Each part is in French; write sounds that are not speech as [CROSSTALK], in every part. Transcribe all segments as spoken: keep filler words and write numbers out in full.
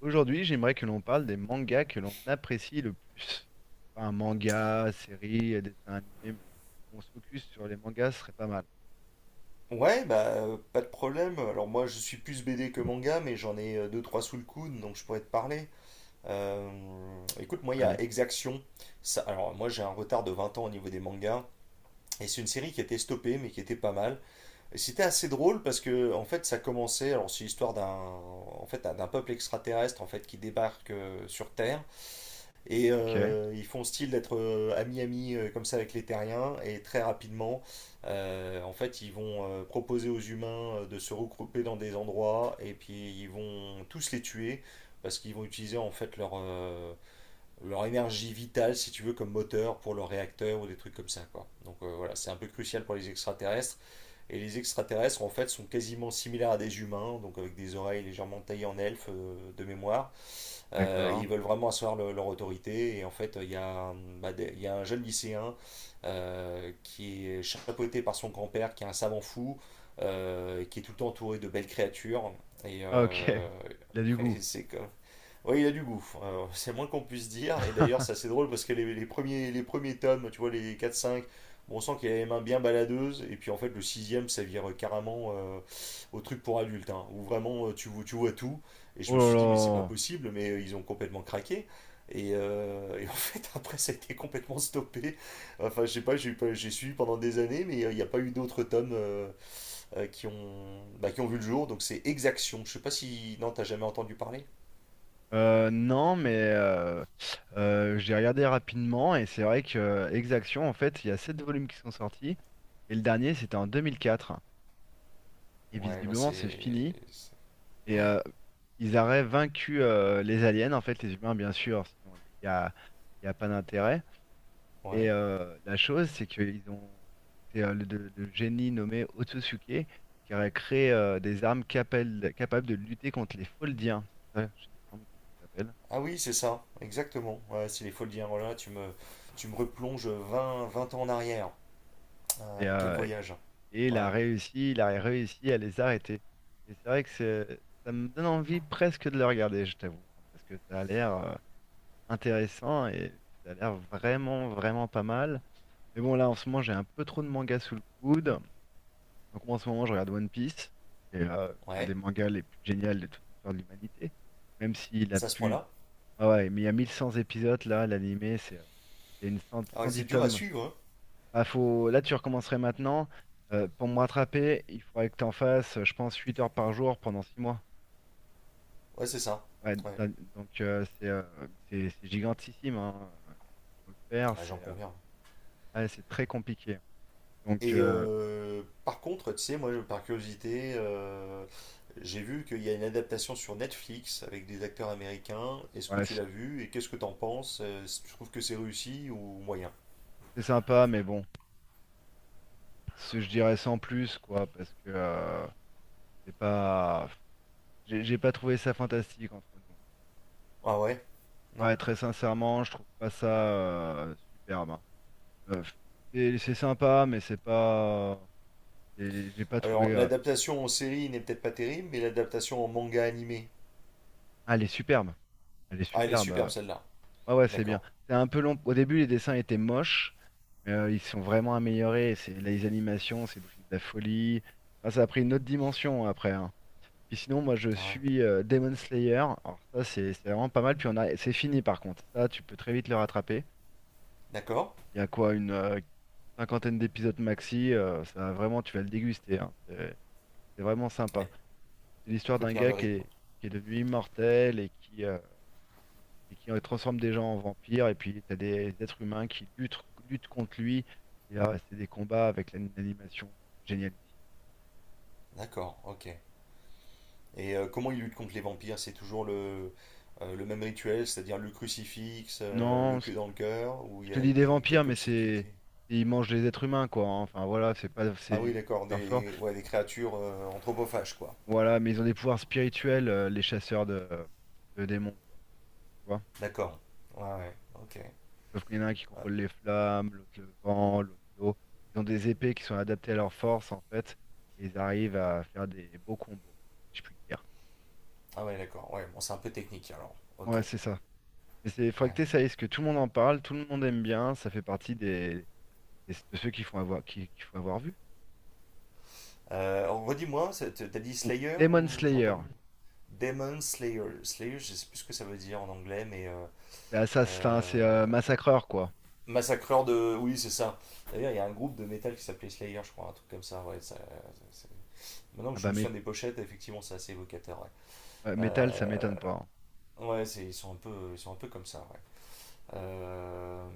Aujourd'hui, j'aimerais que l'on parle des mangas que l'on apprécie le plus. Enfin, manga, série, dessin animé, mais on se focus sur les mangas, ce serait pas mal. Ouais, bah euh, pas de problème. Alors moi je suis plus B D que manga, mais j'en ai euh, deux trois sous le coude, donc je pourrais te parler. Euh, écoute, moi il y a Allez, Exaction. Ça, alors moi j'ai un retard de vingt ans au niveau des mangas, et c'est une série qui était stoppée, mais qui était pas mal. Et c'était assez drôle parce que en fait ça commençait. Alors c'est l'histoire d'un en fait d'un d'un peuple extraterrestre en fait qui débarque euh, sur Terre. Et ok, euh, ils font style d'être euh, amis-amis euh, comme ça avec les terriens. Et très rapidement, euh, en fait, ils vont euh, proposer aux humains euh, de se regrouper dans des endroits. Et puis, ils vont tous les tuer. Parce qu'ils vont utiliser en fait leur, euh, leur énergie vitale, si tu veux, comme moteur pour leur réacteur ou des trucs comme ça, quoi. Donc euh, voilà, c'est un peu crucial pour les extraterrestres. Et les extraterrestres, en fait, sont quasiment similaires à des humains, donc avec des oreilles légèrement taillées en elfe euh, de mémoire. Euh, d'accord. ils veulent vraiment asseoir le- leur autorité. Et en fait, il y a, un- bah, des- il y a un jeune lycéen euh, qui est chapeauté par son grand-père, qui est un savant fou, euh, qui est tout le temps entouré de belles créatures. Et, Ah, ok, euh, [LAUGHS] il a du [LAUGHS] goût. et c'est comme- oui, il a du goût, euh, c'est moins qu'on puisse dire. Et d'ailleurs, c'est assez [LAUGHS] drôle parce que les, les premiers, les premiers tomes, tu vois, les quatre, cinq, bon, on sent qu'il a les mains bien baladeuses. Et puis en fait, le sixième, ça vire carrément euh, au truc pour adultes, hein, où vraiment euh, tu, vois- tu vois tout. Et je Oh me là suis dit, mais c'est pas là. possible, mais euh, ils ont complètement craqué. Et, euh, et en [LAUGHS] fait, après, ça a été complètement stoppé. Enfin, je sais pas, j'ai eu pas- j'ai suivi pendant des années, mais euh, il n'y a pas eu d'autres tomes euh, euh, qui ont, bah, qui ont vu le jour. Donc c'est Exaction. Je sais pas si. Non, t'as jamais entendu parler? Euh, non, mais euh, euh, j'ai regardé rapidement et c'est vrai que euh, Exaction, en fait, il y a sept volumes qui sont sortis et le dernier, c'était en deux mille quatre. Et Ouais, bah visiblement, c'est c'est. fini. c'est- Et Ouais, euh, Ils auraient vaincu euh, les aliens, en fait, les humains, bien sûr, sinon il n'y a, il y a pas d'intérêt. Et ouais. Euh, la chose, c'est qu'ils ont. C'est euh, le, le- le génie nommé Otsutsuke qui aurait créé euh, des armes capables, capables de lutter contre les Foldiens. C'est ça, je- il me semble comment ils s'appellent. Ah oui, c'est ça, exactement. Ouais, c'est les folies de Guillermo. tu me, tu me replonges vingt vingt ans en arrière. Et, Euh, quel euh, voyage. et il a Ouais, réussi, il a réussi à les arrêter. Et c'est vrai que c'est- ça me donne envie presque de le regarder, je t'avoue, hein, parce que ça a l'air euh, intéressant et ça a l'air vraiment, vraiment pas mal. Mais bon, là, en ce moment, j'ai un peu trop de mangas sous le coude. Donc, moi, en ce moment, je regarde One Piece, qui est euh, l'un des ouais, mangas les plus géniaux de toute l'histoire de l'humanité. Même s'il a c'est à ce plus. point-là. Ah ouais, mais il y a mille cent épisodes, là, l'animé, c'est. Euh, Il y a une cent- Ah cent ouais, dix c'est dur à tomes. suivre, hein. Ah, faut. Là, tu recommencerais maintenant. Euh, pour me rattraper, il faudrait que tu en fasses, euh, je pense, huit heures par jour pendant six mois. Ouais, c'est ça. Ouais, Ouais, d'un- donc, euh, c'est euh, c'est- c'est gigantissime. Hein. Faut le faire, ouais, c'est j'en euh, conviens. ouais, c'est très compliqué. Donc, Et euh, euh, par contre, tu sais, moi, je- par curiosité, euh, j'ai vu qu'il y a une adaptation sur Netflix avec des acteurs américains. Est-ce que ouais, tu l'as c'est vu et qu'est-ce que t'en penses? Euh, si tu trouves que c'est réussi ou moyen? c'est sympa, mais bon. Ce- Je dirais sans plus, quoi, parce que euh, c'est pas, j'ai j'ai pas trouvé ça fantastique entre nous. Ah ouais? Non? Ouais, très sincèrement, je trouve pas ça euh, superbe. Hein. Euh, c'est c'est sympa, mais c'est pas, c'est- j'ai pas trouvé. Alors, euh, l'adaptation en série n'est peut-être pas terrible, mais l'adaptation en manga animé. Ah, elle est superbe, elle est Ah, elle est superbe. superbe euh. celle-là. Ouais, ouais, c'est bien. D'accord. C'est un peu long. Au début, les dessins étaient moches, mais euh, ils sont vraiment améliorés. C'est les animations, c'est devenu de la folie. Enfin, ça a pris une autre dimension après. Hein. Puis sinon, moi, je Ah ouais. suis euh, Demon Slayer. Alors ça, c'est c'est vraiment pas mal. Puis on a, c'est fini par contre. Ça, tu peux très vite le rattraper. D'accord. Il y a quoi, une euh, cinquantaine d'épisodes maxi. Euh, ça, vraiment, tu vas le déguster. Hein. C'est c'est vraiment Ouais. sympa. C'est l'histoire Faut d'un tenir gars le qui rythme. est, qui est devenu immortel et qui, euh, et qui euh, transforme des gens en vampires. Et puis, t'as des êtres humains qui luttent, luttent contre lui. Et là, c'est des combats avec l'animation géniale. D'accord, ok. Et euh, comment il lutte contre les vampires? C'est toujours le, euh, le même rituel, c'est-à-dire le crucifix, euh, le Non, pieu dans le cœur, ou je il y te a dis des des, vampires, mais quelques c'est. subtilités. Ils mangent les êtres humains, quoi. Hein. Enfin, voilà, c'est pas. c'est- Ah Ils oui, sont d'accord, super forts. des, ouais, des créatures euh, anthropophages, quoi. Voilà, mais ils ont des pouvoirs spirituels, euh, les chasseurs de, de démons, quoi. Tu vois? D'accord. Ouais, ouais, ok. Sauf qu'il y en a un qui Ouais. contrôle les flammes, l'autre le vent, l'autre l'eau. Ils ont des épées qui sont adaptées à leur force, en fait. Et ils arrivent à faire des beaux combos, si je puis dire. Ah ouais, d'accord. Ouais, bon, c'est un peu technique alors. Ok. Ouais, c'est ça. Mais c'est faudrait que Ouais. t'essayes, parce que tout le monde en parle, tout le monde aime bien. Ça fait partie des, des- de ceux qu'il faut avoir, qui, qu'il faut avoir vu. Euh, redis-moi, t'as dit Ou Slayer Demon ou j'ai Slayer. entendu? Demon Slayer. Slayer, je sais plus ce que ça veut dire en anglais, mais euh, C'est assassin, c'est euh, euh, massacreur, quoi. massacreur de. Oui, c'est ça. D'ailleurs, il y a un groupe de métal qui s'appelait Slayer, je crois, un truc comme ça. Ouais, ça- c'est- Maintenant que Ah je bah me souviens des mét- pochettes, effectivement, c'est assez évocateur. Ouais, ouais, métal, ça Euh, m'étonne pas. Hein. ouais, c'est- ils sont un peu, ils sont un peu comme ça. Ouais. Euh,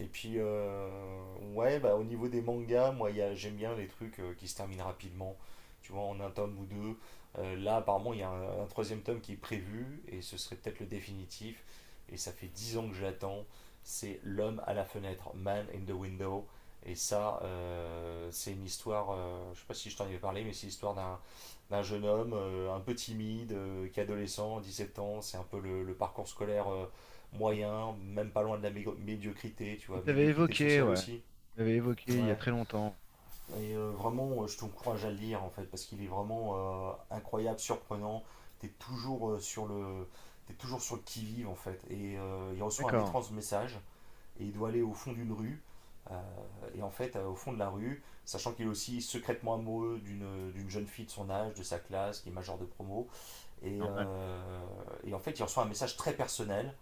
et puis, euh, ouais, bah, au niveau des mangas, moi, il y a- j'aime bien les trucs euh, qui se terminent rapidement, tu vois, en un tome ou deux. Euh, là, apparemment, il y a un, un troisième tome qui est prévu, et ce serait peut-être le définitif. Et ça fait dix ans que j'attends. C'est L'homme à la fenêtre, Man in the Window. Et ça, euh, c'est une histoire, euh, je sais pas si je t'en avais parlé, mais c'est l'histoire d'un d'un jeune homme euh, un peu timide, euh, qui est adolescent, dix-sept ans. C'est un peu le, le parcours scolaire. euh, moyen, même pas loin de la médiocrité, tu Tu vois, t'avais médiocrité évoqué, sociale ouais. aussi. Tu t'avais évoqué il y a Ouais. très longtemps. Et euh, vraiment, euh, je t'encourage à le lire en fait, parce qu'il est vraiment euh, incroyable, surprenant. T'es toujours euh, sur le, t'es toujours sur le qui vive en fait. Et euh, il reçoit un D'accord, étrange message et il doit aller au fond d'une rue. Euh, et en fait, euh, au fond de la rue, sachant qu'il est aussi secrètement amoureux d'une d'une jeune fille de son âge, de sa classe, qui est majeure de promo. Et, normal. euh, et en fait, il reçoit un message très personnel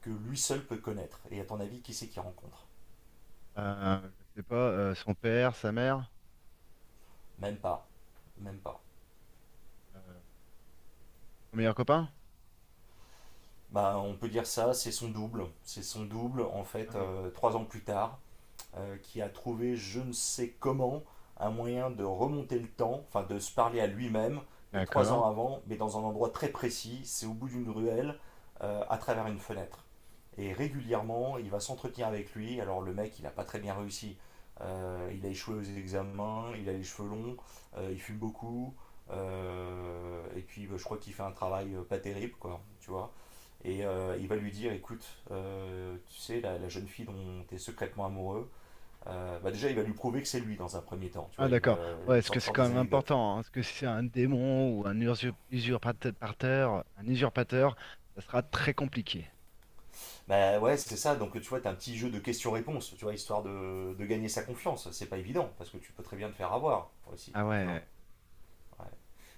que lui seul peut connaître. Et à ton avis, qui c'est qu'il rencontre. Euh, je sais pas, euh, son père, sa mère, Même pas. Même pas. euh, son meilleur copain? Bah, on peut dire ça, c'est son double. C'est son double, en Ah fait, oui. euh, trois ans plus tard, euh, qui a trouvé, je ne sais comment, un moyen de remonter le temps, enfin de se parler à lui-même, mais trois ans D'accord. avant, mais dans un endroit très précis, c'est au bout d'une ruelle, euh, à travers une fenêtre. Et régulièrement, il va s'entretenir avec lui. Alors le mec, il n'a pas très bien réussi. Euh, il a échoué aux examens, il a les cheveux longs, euh, il fume beaucoup, euh, et puis bah, je crois qu'il fait un travail euh, pas terrible, quoi, tu vois. Et euh, il va lui dire, écoute, euh, tu sais, la, la jeune fille dont tu es secrètement amoureux, euh, bah déjà, il va lui prouver que c'est lui dans un premier temps, tu Ah vois, il va d'accord. Ouais, lui est-ce que c'est sortir quand des même anecdotes. important? Hein, est-ce que si c'est un démon ou un usurp- usurpateur, un usurpateur, ça sera très compliqué. Bah ouais, c'est ça, donc tu vois, t'as un petit jeu de questions-réponses, tu vois, histoire de, de gagner sa confiance, c'est pas évident, parce que tu peux très bien te faire avoir, aussi, Ah tu vois. ouais. Ouais.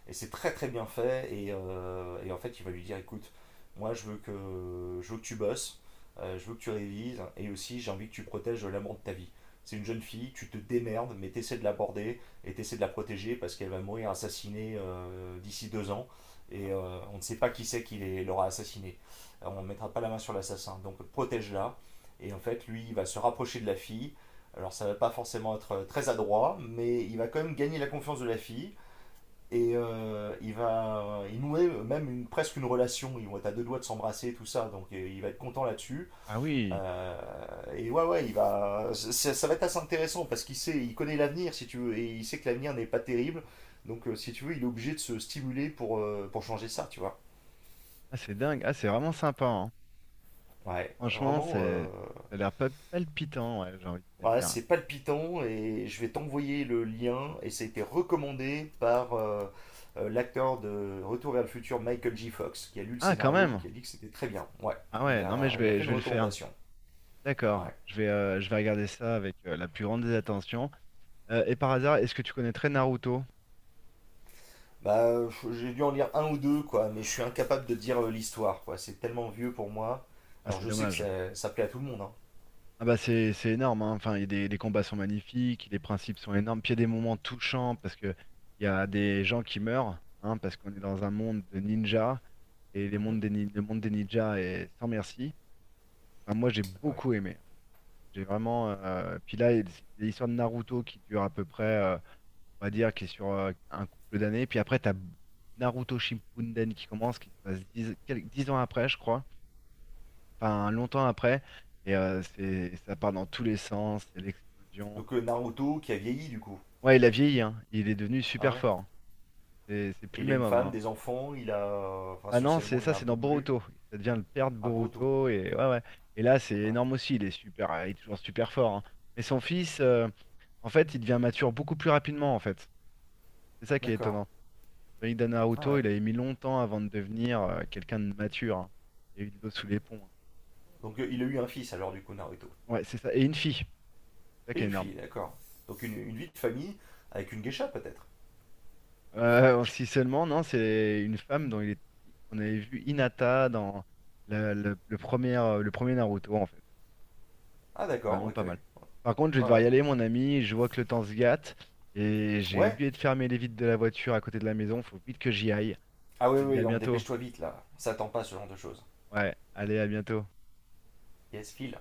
Et c'est très très bien fait. Et, euh, et en fait, il va lui dire écoute, moi je veux que, je veux que tu bosses, euh, je veux que tu révises, et aussi j'ai envie que tu protèges l'amour de ta vie. C'est une jeune fille, tu te démerdes, mais t'essaies de l'aborder et t'essaies de la protéger parce qu'elle va mourir assassinée euh, d'ici deux ans. Et Voilà. euh, on ne sait pas qui c'est qui l'aura assassinée. Alors, on ne mettra pas la main sur l'assassin. Donc protège-la. Et en fait, lui, il va se rapprocher de la fille. Alors ça ne va pas forcément être euh, très adroit, mais il va quand même gagner la confiance de la fille. Et euh, il va, euh, il nouait même une, presque une relation. Ils vont être à deux doigts de s'embrasser, tout ça. Donc il va être content là-dessus. Ah oui. Euh, et ouais, ouais, il va, ça, ça va être assez intéressant parce qu'il sait, il connaît l'avenir, si tu veux, et il sait que l'avenir n'est pas terrible. Donc euh, si tu veux, il est obligé de se stimuler pour, euh, pour changer ça, tu vois. Ah c'est dingue. Ah c'est vraiment sympa. Hein. Ouais, Franchement, vraiment. c'est, euh, ça a l'air pa- palpitant, ouais, j'ai envie de te Ouais, dire. c'est palpitant et je vais t'envoyer le lien. Et ça a été recommandé par euh, euh, l'acteur de Retour vers le futur, Michael J. Fox, qui a lu le Ah quand scénario, même. qui a dit que c'était très bien. Ouais, Ah il ouais, non mais a, je il a vais, fait je une vais le faire. recommandation. D'accord, Ouais. je vais, euh, je vais regarder ça avec euh, la plus grande des attentions. Euh, et par hasard, est-ce que tu connaîtrais Naruto? Bah, je- j'ai dû en lire un ou deux, quoi, mais je suis incapable de dire euh, l'histoire, quoi. C'est tellement vieux pour moi. Ah Alors c'est je sais que dommage. ça, ça plaît à tout le monde, hein. Ah bah c'est c'est énorme, hein. Enfin, il y a des, les combats sont magnifiques, les principes sont énormes, puis il y a des moments touchants parce que il y a des gens qui meurent, hein, parce qu'on est dans un monde de ninjas et les Mhm. mondes des, nin- le monde des ninjas est sans merci. Enfin, moi j'ai Ah ouais. beaucoup aimé. J'ai vraiment. euh, Puis là, il y a l'histoire de Naruto qui dure à peu près. Euh, on va dire, qui est sur euh, un couple d'années. Puis après, tu as Naruto Shippuden qui commence, qui se passe dix quel- dix ans après, je crois. Enfin, longtemps après. Et euh, c'est, ça part dans tous les sens, c'est l'explosion. Donc euh, Naruto qui a vieilli, du coup. Ouais, il a vieilli, hein. Il est devenu Ah super ouais. fort. C'est c'est plus Et le il a même une homme, femme, hein. des enfants, il a... Enfin, Ah non, c'est socialement, il ça, a un c'est peu dans bougé. Boruto. Ça devient le père de Ah, Boruto. Boruto. Et, ouais, ouais. Et là, c'est Ouais. énorme aussi. Il est super, euh, il est toujours super fort. Hein. Mais son fils, euh, en fait, il devient mature beaucoup plus rapidement, en fait. C'est ça qui est D'accord. étonnant. Maïda Ah Naruto, ouais. il avait mis longtemps avant de devenir euh, quelqu'un de mature. Hein. Il y a eu de l'eau sous les ponts. Hein. Donc euh, il a eu un fils alors du coup Naruto. Ouais, c'est ça. Et une fille, c'est ça Et qui est une énorme. fille, d'accord. Donc une, une vie de famille avec une geisha peut-être. Euh, si seulement, non, c'est une femme dont il est. On avait vu Hinata dans le, le- le premier, euh, le premier Naruto, en fait. Ah Donc, c'était d'accord, vraiment ok. pas Ouais, mal. Par contre, je vais devoir y ouais, aller, ok. mon ami. Je vois que le temps se gâte. Et j'ai Ouais. oublié de fermer les vitres de la voiture à côté de la maison. Faut vite que j'y aille. Ah Je ouais, te dis ouais, à donc bientôt. dépêche-toi vite là. Ça attend pas ce genre de choses. Ouais, allez, à bientôt. Yes, file.